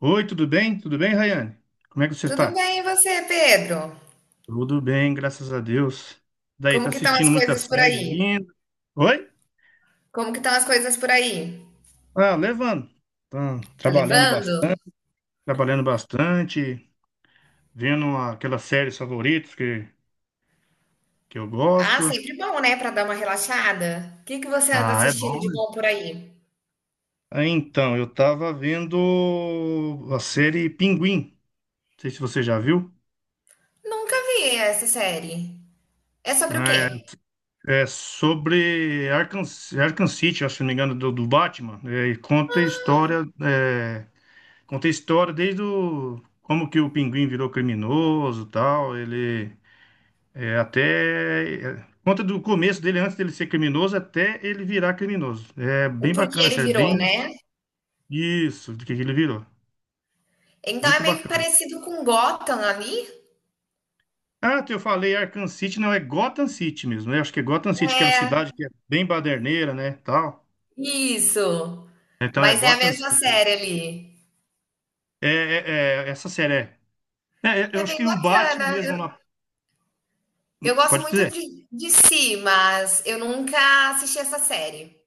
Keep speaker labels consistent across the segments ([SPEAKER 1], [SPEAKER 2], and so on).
[SPEAKER 1] Oi, tudo bem? Tudo bem, Rayane? Como é que você
[SPEAKER 2] Tudo
[SPEAKER 1] está?
[SPEAKER 2] bem, e você, Pedro?
[SPEAKER 1] Tudo bem, graças a Deus. Daí,
[SPEAKER 2] Como
[SPEAKER 1] tá
[SPEAKER 2] que estão
[SPEAKER 1] assistindo
[SPEAKER 2] as
[SPEAKER 1] muitas
[SPEAKER 2] coisas por
[SPEAKER 1] séries
[SPEAKER 2] aí?
[SPEAKER 1] ainda? Oi?
[SPEAKER 2] Como que estão as coisas por aí?
[SPEAKER 1] Ah, levando. Tá
[SPEAKER 2] Tá
[SPEAKER 1] trabalhando
[SPEAKER 2] levando?
[SPEAKER 1] bastante, trabalhando bastante, vendo aquelas séries favoritas que eu
[SPEAKER 2] Ah,
[SPEAKER 1] gosto.
[SPEAKER 2] sempre bom, né, pra dar uma relaxada. O que que você anda
[SPEAKER 1] Ah, é bom,
[SPEAKER 2] assistindo de
[SPEAKER 1] né?
[SPEAKER 2] bom por aí?
[SPEAKER 1] Então, eu tava vendo a série Pinguim. Não sei se você já viu.
[SPEAKER 2] Nunca vi essa série. É sobre o
[SPEAKER 1] Né?
[SPEAKER 2] quê?
[SPEAKER 1] É, é sobre Arkham City, acho, se não me engano, do Batman. É, e conta a história. Conta a história desde como que o pinguim virou criminoso, tal, ele é, até é, conta do começo dele antes dele ser criminoso até ele virar criminoso. É
[SPEAKER 2] O
[SPEAKER 1] bem
[SPEAKER 2] porquê
[SPEAKER 1] bacana a
[SPEAKER 2] ele
[SPEAKER 1] série,
[SPEAKER 2] virou,
[SPEAKER 1] bem
[SPEAKER 2] né?
[SPEAKER 1] isso, do que ele virou.
[SPEAKER 2] Então é
[SPEAKER 1] Muito
[SPEAKER 2] meio que
[SPEAKER 1] bacana.
[SPEAKER 2] parecido com Gotham ali?
[SPEAKER 1] Ah, eu falei Arkham City, não, é Gotham City mesmo, né? Acho que é Gotham City, aquela
[SPEAKER 2] É,
[SPEAKER 1] cidade que é bem baderneira, né, tal.
[SPEAKER 2] isso.
[SPEAKER 1] Então é
[SPEAKER 2] Mas é a
[SPEAKER 1] Gotham
[SPEAKER 2] mesma
[SPEAKER 1] City.
[SPEAKER 2] série ali.
[SPEAKER 1] Essa série
[SPEAKER 2] É
[SPEAKER 1] eu acho
[SPEAKER 2] bem
[SPEAKER 1] que o
[SPEAKER 2] bacana.
[SPEAKER 1] Batman
[SPEAKER 2] Eu,
[SPEAKER 1] mesmo
[SPEAKER 2] eu gosto
[SPEAKER 1] pode
[SPEAKER 2] muito
[SPEAKER 1] dizer.
[SPEAKER 2] de si, mas eu nunca assisti essa série.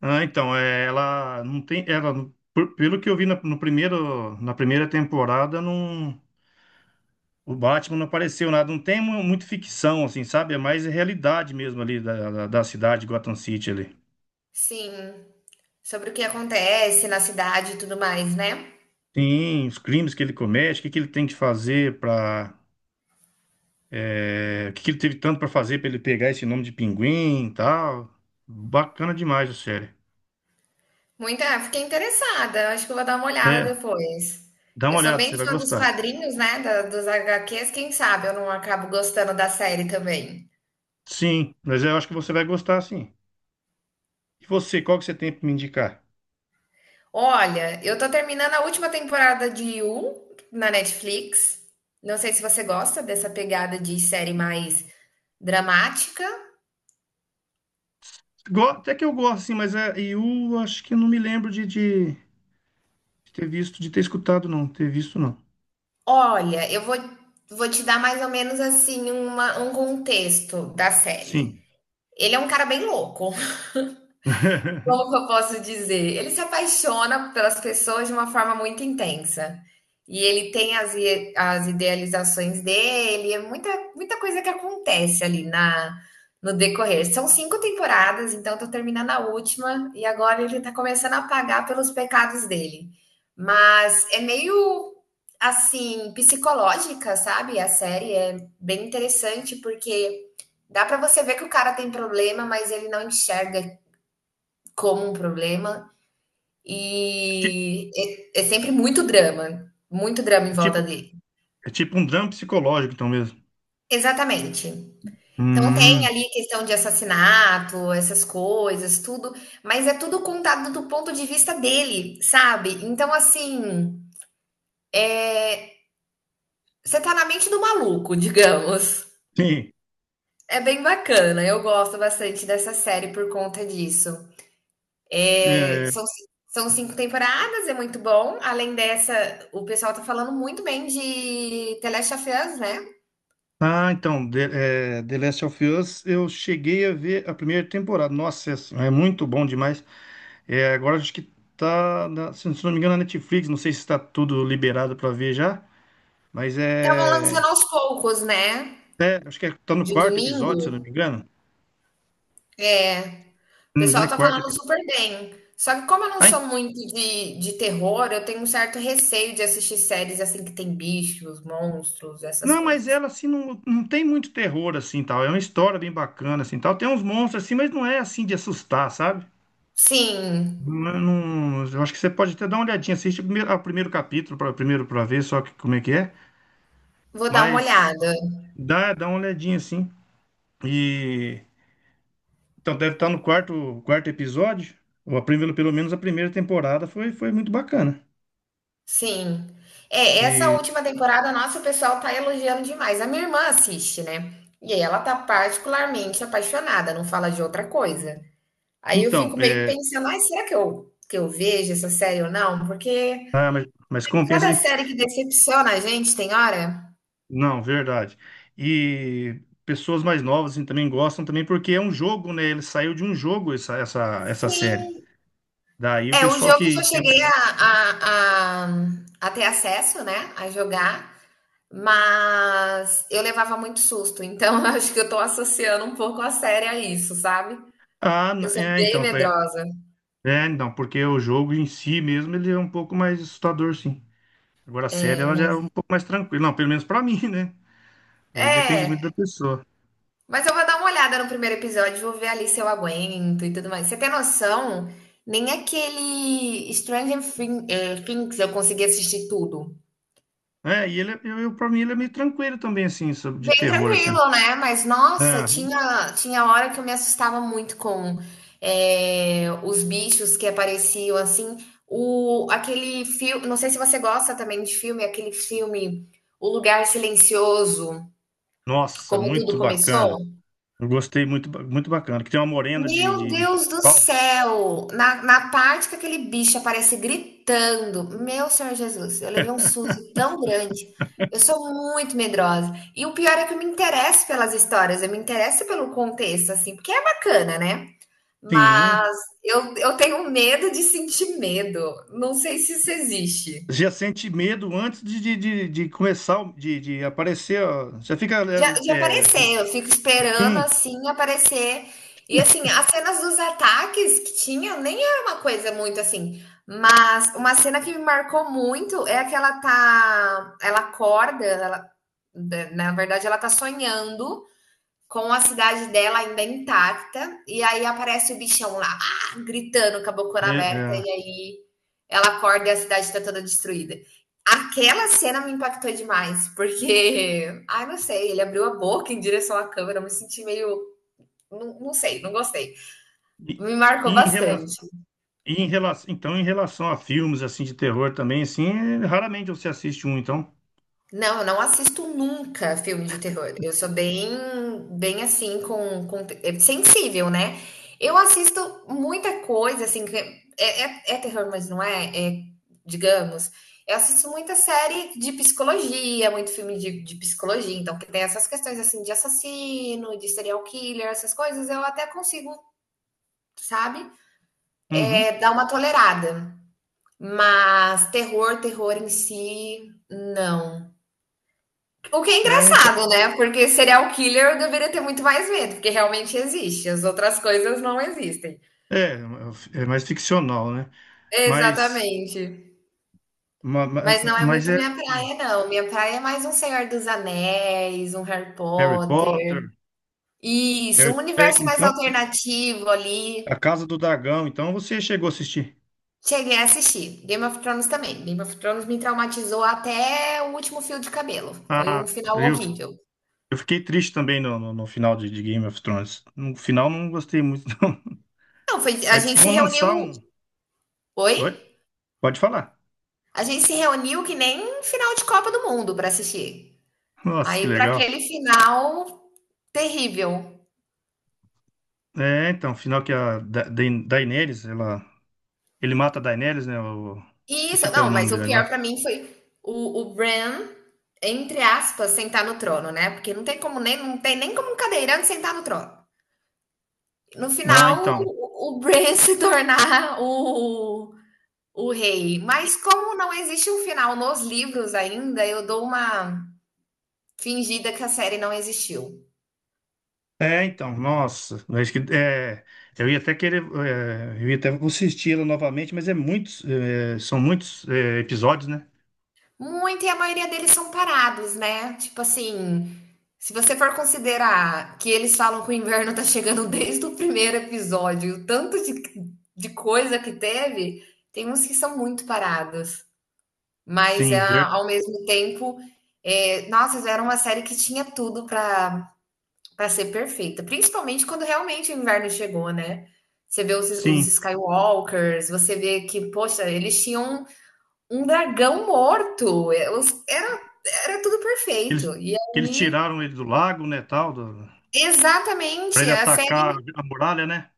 [SPEAKER 1] Ah, então, é, ela não tem, pelo que eu vi no primeiro, na primeira temporada, não, o Batman não apareceu nada, não tem muito ficção, assim, sabe? É mais realidade mesmo ali da cidade, Gotham City ali.
[SPEAKER 2] Sim, sobre o que acontece na cidade e tudo mais, né?
[SPEAKER 1] Sim, os crimes que ele comete, o que que ele tem que fazer o que que ele teve tanto para fazer para ele pegar esse nome de Pinguim e tal. Bacana demais a série.
[SPEAKER 2] Muita, fiquei interessada, acho que eu vou dar uma olhada
[SPEAKER 1] É,
[SPEAKER 2] depois.
[SPEAKER 1] dá
[SPEAKER 2] Eu
[SPEAKER 1] uma
[SPEAKER 2] sou
[SPEAKER 1] olhada, você
[SPEAKER 2] bem
[SPEAKER 1] vai
[SPEAKER 2] fã dos
[SPEAKER 1] gostar.
[SPEAKER 2] quadrinhos, né, dos HQs, quem sabe eu não acabo gostando da série também.
[SPEAKER 1] Sim, mas eu acho que você vai gostar, sim. E você, qual que você tem para me indicar?
[SPEAKER 2] Olha, eu tô terminando a última temporada de You na Netflix. Não sei se você gosta dessa pegada de série mais dramática.
[SPEAKER 1] Até que eu gosto, assim, mas é, eu acho que eu não me lembro de ter visto, de ter escutado, não. Ter visto, não.
[SPEAKER 2] Olha, eu vou te dar mais ou menos assim um contexto da série.
[SPEAKER 1] Sim.
[SPEAKER 2] Ele é um cara bem louco. Como que eu posso dizer? Ele se apaixona pelas pessoas de uma forma muito intensa. E ele tem as, as idealizações dele, é muita, muita coisa que acontece ali no decorrer. São cinco temporadas, então eu tô terminando a última, e agora ele tá começando a pagar pelos pecados dele. Mas é meio assim, psicológica, sabe? A série é bem interessante porque dá pra você ver que o cara tem problema, mas ele não enxerga como um problema
[SPEAKER 1] Ti-
[SPEAKER 2] e é sempre muito drama em
[SPEAKER 1] É
[SPEAKER 2] volta
[SPEAKER 1] tipo,
[SPEAKER 2] dele.
[SPEAKER 1] é tipo um drama psicológico, então mesmo.
[SPEAKER 2] Exatamente. Então tem
[SPEAKER 1] Hum,
[SPEAKER 2] ali questão de assassinato, essas coisas, tudo, mas é tudo contado do ponto de vista dele, sabe? Então assim, você tá na mente do maluco, digamos.
[SPEAKER 1] sim.
[SPEAKER 2] É bem bacana, eu gosto bastante dessa série por conta disso. É,
[SPEAKER 1] É,
[SPEAKER 2] são, são 5 temporadas, é muito bom. Além dessa, o pessoal tá falando muito bem de The Last of Us, né?
[SPEAKER 1] então, The Last of Us, eu cheguei a ver a primeira temporada. Nossa, é muito bom demais. É, agora acho que se não me engano, na Netflix. Não sei se está tudo liberado para ver já, mas
[SPEAKER 2] Estavam
[SPEAKER 1] é,
[SPEAKER 2] lançando aos poucos, né,
[SPEAKER 1] acho que é, tá no
[SPEAKER 2] de
[SPEAKER 1] quarto episódio, se eu não
[SPEAKER 2] domingo.
[SPEAKER 1] me engano.
[SPEAKER 2] É, o
[SPEAKER 1] Não me engano,
[SPEAKER 2] pessoal
[SPEAKER 1] é
[SPEAKER 2] tá
[SPEAKER 1] quarto
[SPEAKER 2] falando
[SPEAKER 1] episódio.
[SPEAKER 2] super bem. Só que como eu não
[SPEAKER 1] Aí,
[SPEAKER 2] sou muito de terror, eu tenho um certo receio de assistir séries assim que tem bichos, monstros, essas
[SPEAKER 1] não, mas
[SPEAKER 2] coisas.
[SPEAKER 1] ela assim não, não tem muito terror assim tal. É uma história bem bacana assim tal. Tem uns monstros assim, mas não é assim de assustar, sabe?
[SPEAKER 2] Sim,
[SPEAKER 1] Não, eu acho que você pode até dar uma olhadinha, assiste ao primeiro capítulo para ver como é que é,
[SPEAKER 2] vou dar uma
[SPEAKER 1] mas
[SPEAKER 2] olhada.
[SPEAKER 1] dá uma olhadinha assim. E então deve estar no quarto episódio. Ou a primeira, pelo menos a primeira temporada foi muito bacana.
[SPEAKER 2] Sim. É, essa
[SPEAKER 1] E
[SPEAKER 2] última temporada, nossa, o pessoal tá elogiando demais. A minha irmã assiste, né? E aí ela tá particularmente apaixonada, não fala de outra coisa. Aí eu
[SPEAKER 1] então,
[SPEAKER 2] fico meio que pensando: "Ai, será que eu vejo essa série ou não?" Porque
[SPEAKER 1] ah, mas
[SPEAKER 2] tem
[SPEAKER 1] compensa.
[SPEAKER 2] cada série que decepciona a gente, tem hora.
[SPEAKER 1] Não, verdade. E pessoas mais novas assim, também gostam também porque é um jogo, né? Ele saiu de um jogo essa série.
[SPEAKER 2] Sim.
[SPEAKER 1] Daí o
[SPEAKER 2] É, o
[SPEAKER 1] pessoal
[SPEAKER 2] jogo eu só
[SPEAKER 1] que
[SPEAKER 2] cheguei a ter acesso, né, a jogar, mas eu levava muito susto, então eu acho que eu tô associando um pouco a série a isso, sabe.
[SPEAKER 1] ah,
[SPEAKER 2] Eu
[SPEAKER 1] n-
[SPEAKER 2] sou
[SPEAKER 1] é,
[SPEAKER 2] bem
[SPEAKER 1] então, é,
[SPEAKER 2] medrosa,
[SPEAKER 1] não, porque o jogo em si mesmo ele é um pouco mais assustador, sim. Agora a série ela já é
[SPEAKER 2] mas
[SPEAKER 1] um pouco mais tranquila, não, pelo menos pra mim, né? É, depende muito
[SPEAKER 2] é.
[SPEAKER 1] da pessoa.
[SPEAKER 2] Mas eu vou dar uma olhada no primeiro episódio, vou ver ali se eu aguento e tudo mais. Você tem noção? Nem aquele Things eu consegui assistir tudo.
[SPEAKER 1] É, eu para mim ele é meio tranquilo também assim, sobre de
[SPEAKER 2] Bem
[SPEAKER 1] terror assim.
[SPEAKER 2] tranquilo, né? Mas nossa,
[SPEAKER 1] Ah,
[SPEAKER 2] tinha hora que eu me assustava muito com os bichos que apareciam assim. O, aquele filme, não sei se você gosta também de filme, aquele filme O Lugar Silencioso,
[SPEAKER 1] nossa,
[SPEAKER 2] como
[SPEAKER 1] muito
[SPEAKER 2] tudo começou.
[SPEAKER 1] bacana. Eu gostei muito, muito bacana. Que tem uma morena
[SPEAKER 2] Meu
[SPEAKER 1] de.
[SPEAKER 2] Deus do céu! Na parte que aquele bicho aparece gritando, meu Senhor Jesus, eu levei um susto tão grande. Eu sou muito medrosa. E o pior é que eu me interesso pelas histórias, eu me interesso pelo contexto, assim, porque é bacana, né?
[SPEAKER 1] Sim.
[SPEAKER 2] Mas eu tenho medo de sentir medo. Não sei se isso existe.
[SPEAKER 1] Já sente medo antes de começar, de aparecer, ó. Já fica,
[SPEAKER 2] Já,
[SPEAKER 1] né,
[SPEAKER 2] de
[SPEAKER 1] é,
[SPEAKER 2] aparecer, eu fico esperando
[SPEAKER 1] sim,
[SPEAKER 2] assim aparecer. E assim, as cenas dos ataques que tinha nem era uma coisa muito assim. Mas uma cena que me marcou muito é a que ela tá. Ela acorda, ela, né, na verdade, ela tá sonhando com a cidade dela ainda intacta, e aí aparece o bichão lá, ah! gritando com a bocona
[SPEAKER 1] né,
[SPEAKER 2] aberta,
[SPEAKER 1] é.
[SPEAKER 2] e aí ela acorda e a cidade está toda destruída. Aquela cena me impactou demais, porque, ai, não sei, ele abriu a boca em direção à câmera, eu me senti meio. Não, não sei, não gostei.
[SPEAKER 1] E,
[SPEAKER 2] Me marcou
[SPEAKER 1] e em relação,
[SPEAKER 2] bastante.
[SPEAKER 1] em relação, então, em relação a filmes, assim, de terror também, assim, é, raramente você assiste um, então.
[SPEAKER 2] Não, eu não assisto nunca filme de terror. Eu sou bem, bem assim, é sensível, né? Eu assisto muita coisa, assim, que é terror, mas não é, é, digamos. Eu assisto muita série de psicologia, muito filme de psicologia, então que tem essas questões, assim, de assassino, de serial killer, essas coisas, eu até consigo, sabe? É,
[SPEAKER 1] Uhum.
[SPEAKER 2] dar uma tolerada. Mas terror, terror em si, não. O que é
[SPEAKER 1] É, então,
[SPEAKER 2] engraçado, né? Porque serial killer eu deveria ter muito mais medo, porque realmente existe. As outras coisas não existem.
[SPEAKER 1] é, é mais ficcional, né? Mas,
[SPEAKER 2] Exatamente. Mas não é
[SPEAKER 1] mas
[SPEAKER 2] muito
[SPEAKER 1] é
[SPEAKER 2] minha praia, não. Minha praia é mais um Senhor dos Anéis, um Harry
[SPEAKER 1] Harry
[SPEAKER 2] Potter.
[SPEAKER 1] Potter,
[SPEAKER 2] Isso, um universo mais
[SPEAKER 1] Então,
[SPEAKER 2] alternativo
[SPEAKER 1] A
[SPEAKER 2] ali.
[SPEAKER 1] Casa do Dragão, então você chegou a assistir.
[SPEAKER 2] Cheguei a assistir. Game of Thrones também. Game of Thrones me traumatizou até o último fio de cabelo. Foi um
[SPEAKER 1] Ah,
[SPEAKER 2] final
[SPEAKER 1] eu,
[SPEAKER 2] horrível.
[SPEAKER 1] Eu fiquei triste também no final de Game of Thrones. No final não gostei muito, não.
[SPEAKER 2] Não, foi, a
[SPEAKER 1] Mas diz que
[SPEAKER 2] gente se
[SPEAKER 1] vão lançar
[SPEAKER 2] reuniu.
[SPEAKER 1] um.
[SPEAKER 2] Oi?
[SPEAKER 1] Oi? Pode falar.
[SPEAKER 2] A gente se reuniu que nem final de Copa do Mundo para assistir.
[SPEAKER 1] Nossa, que
[SPEAKER 2] Aí para
[SPEAKER 1] legal.
[SPEAKER 2] aquele final terrível.
[SPEAKER 1] É, então, o final que a da Da- Daenerys, ela. Ele mata a Daenerys, né? o-
[SPEAKER 2] E
[SPEAKER 1] Esqueci
[SPEAKER 2] isso,
[SPEAKER 1] até o
[SPEAKER 2] não,
[SPEAKER 1] nome
[SPEAKER 2] mas o
[SPEAKER 1] dele
[SPEAKER 2] pior
[SPEAKER 1] agora.
[SPEAKER 2] para mim foi o Bran, entre aspas, sentar no trono, né? Porque não tem como nem não tem nem como um cadeirante sentar no trono. No
[SPEAKER 1] Ah,
[SPEAKER 2] final,
[SPEAKER 1] então.
[SPEAKER 2] o Bran se tornar o rei. Mas como não existe um final nos livros ainda, eu dou uma fingida que a série não existiu.
[SPEAKER 1] É, então, nossa. Eu acho que, é, eu ia até querer. É, eu ia até assistir ela novamente, mas é muitos. É, são muitos é, episódios, né?
[SPEAKER 2] Muito, e a maioria deles são parados, né? Tipo assim, se você for considerar que eles falam que o inverno tá chegando desde o primeiro episódio, o tanto de coisa que teve, tem uns que são muito parados. Mas
[SPEAKER 1] Sim,
[SPEAKER 2] ah,
[SPEAKER 1] ver-
[SPEAKER 2] ao mesmo tempo, é, nossa, era uma série que tinha tudo pra para ser perfeita, principalmente quando realmente o inverno chegou, né? Você vê os
[SPEAKER 1] sim.
[SPEAKER 2] Skywalkers, você vê que, poxa, eles tinham um dragão morto. É, era tudo
[SPEAKER 1] Eles,
[SPEAKER 2] perfeito. E
[SPEAKER 1] eles
[SPEAKER 2] aí
[SPEAKER 1] tiraram ele do lago, né? Tal, do- Para
[SPEAKER 2] exatamente,
[SPEAKER 1] ele
[SPEAKER 2] a
[SPEAKER 1] atacar
[SPEAKER 2] série
[SPEAKER 1] a muralha, né?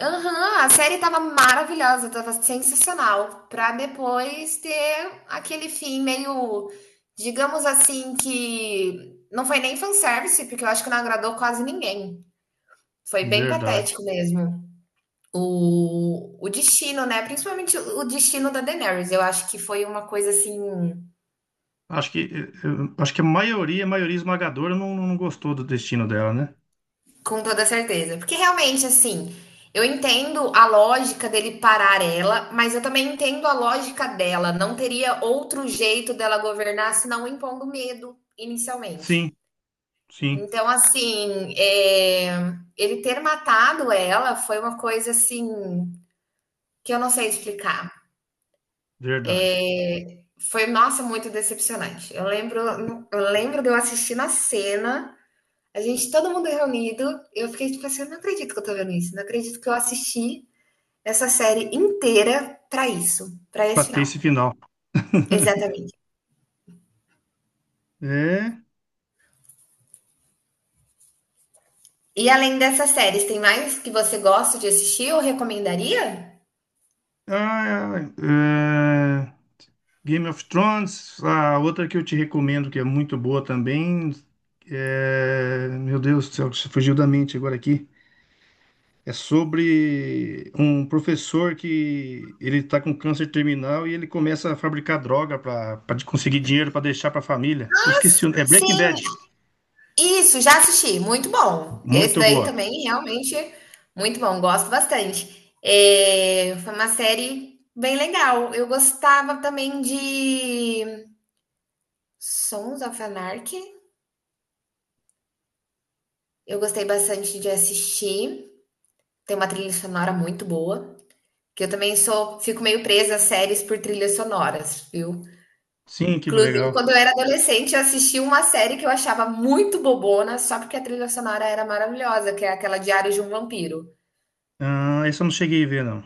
[SPEAKER 2] aham, a série estava maravilhosa, estava sensacional, pra depois ter aquele fim meio, digamos assim, que não foi nem fanservice, porque eu acho que não agradou quase ninguém. Foi bem
[SPEAKER 1] Verdade.
[SPEAKER 2] patético mesmo. O destino, né, principalmente o destino da Daenerys, eu acho que foi uma coisa assim.
[SPEAKER 1] Acho que acho que a maioria esmagadora não gostou do destino dela, né?
[SPEAKER 2] Com toda certeza. Porque realmente, assim, eu entendo a lógica dele parar ela, mas eu também entendo a lógica dela. Não teria outro jeito dela governar senão impondo medo inicialmente.
[SPEAKER 1] Sim, sim,
[SPEAKER 2] Então, assim, é, ele ter matado ela foi uma coisa assim que eu não sei explicar.
[SPEAKER 1] verdade.
[SPEAKER 2] É, foi, nossa, muito decepcionante. Eu lembro de eu assistindo na cena, a gente, todo mundo reunido, eu fiquei tipo assim, eu não acredito que eu tô vendo isso, não acredito que eu assisti essa série inteira para isso, para
[SPEAKER 1] Pra
[SPEAKER 2] esse
[SPEAKER 1] ter
[SPEAKER 2] final.
[SPEAKER 1] esse final.
[SPEAKER 2] Exatamente.
[SPEAKER 1] É,
[SPEAKER 2] E além dessas séries, tem mais que você gosta de assistir ou recomendaria?
[SPEAKER 1] ah, é, Game of Thrones, a outra que eu te recomendo que é muito boa também. É, meu Deus do céu, fugiu da mente agora aqui. É sobre um professor que ele tá com câncer terminal e ele começa a fabricar droga para conseguir dinheiro para deixar para a família. Eu esqueci, é Breaking
[SPEAKER 2] Sim,
[SPEAKER 1] Bad.
[SPEAKER 2] isso, já assisti. Muito bom. Esse
[SPEAKER 1] Muito
[SPEAKER 2] daí
[SPEAKER 1] boa.
[SPEAKER 2] também, realmente, muito bom. Gosto bastante. É, foi uma série bem legal. Eu gostava também de Sons of Anarchy. Eu gostei bastante de assistir. Tem uma trilha sonora muito boa. Que eu também sou, fico meio presa a séries por trilhas sonoras, viu?
[SPEAKER 1] Sim, que
[SPEAKER 2] Inclusive,
[SPEAKER 1] legal.
[SPEAKER 2] quando eu era adolescente, eu assisti uma série que eu achava muito bobona, só porque a trilha sonora era maravilhosa, que é aquela Diário de um Vampiro.
[SPEAKER 1] Ah, essa eu não cheguei a ver, não.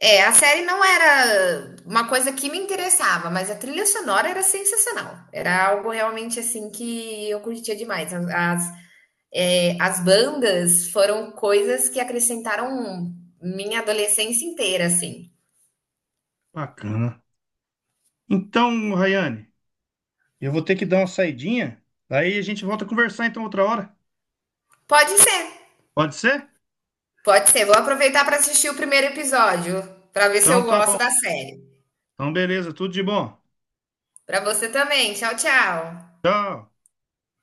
[SPEAKER 2] É, a série não era uma coisa que me interessava, mas a trilha sonora era sensacional. Era algo realmente assim que eu curtia demais. As bandas foram coisas que acrescentaram minha adolescência inteira, assim.
[SPEAKER 1] Bacana. Então, Rayane, eu vou ter que dar uma saidinha. Aí a gente volta a conversar então outra hora.
[SPEAKER 2] Pode ser,
[SPEAKER 1] Pode ser?
[SPEAKER 2] pode ser. Vou aproveitar para assistir o primeiro episódio, para ver se eu
[SPEAKER 1] Então tá
[SPEAKER 2] gosto
[SPEAKER 1] bom.
[SPEAKER 2] da série.
[SPEAKER 1] Então beleza, tudo de bom.
[SPEAKER 2] Para você também. Tchau, tchau.
[SPEAKER 1] Tchau.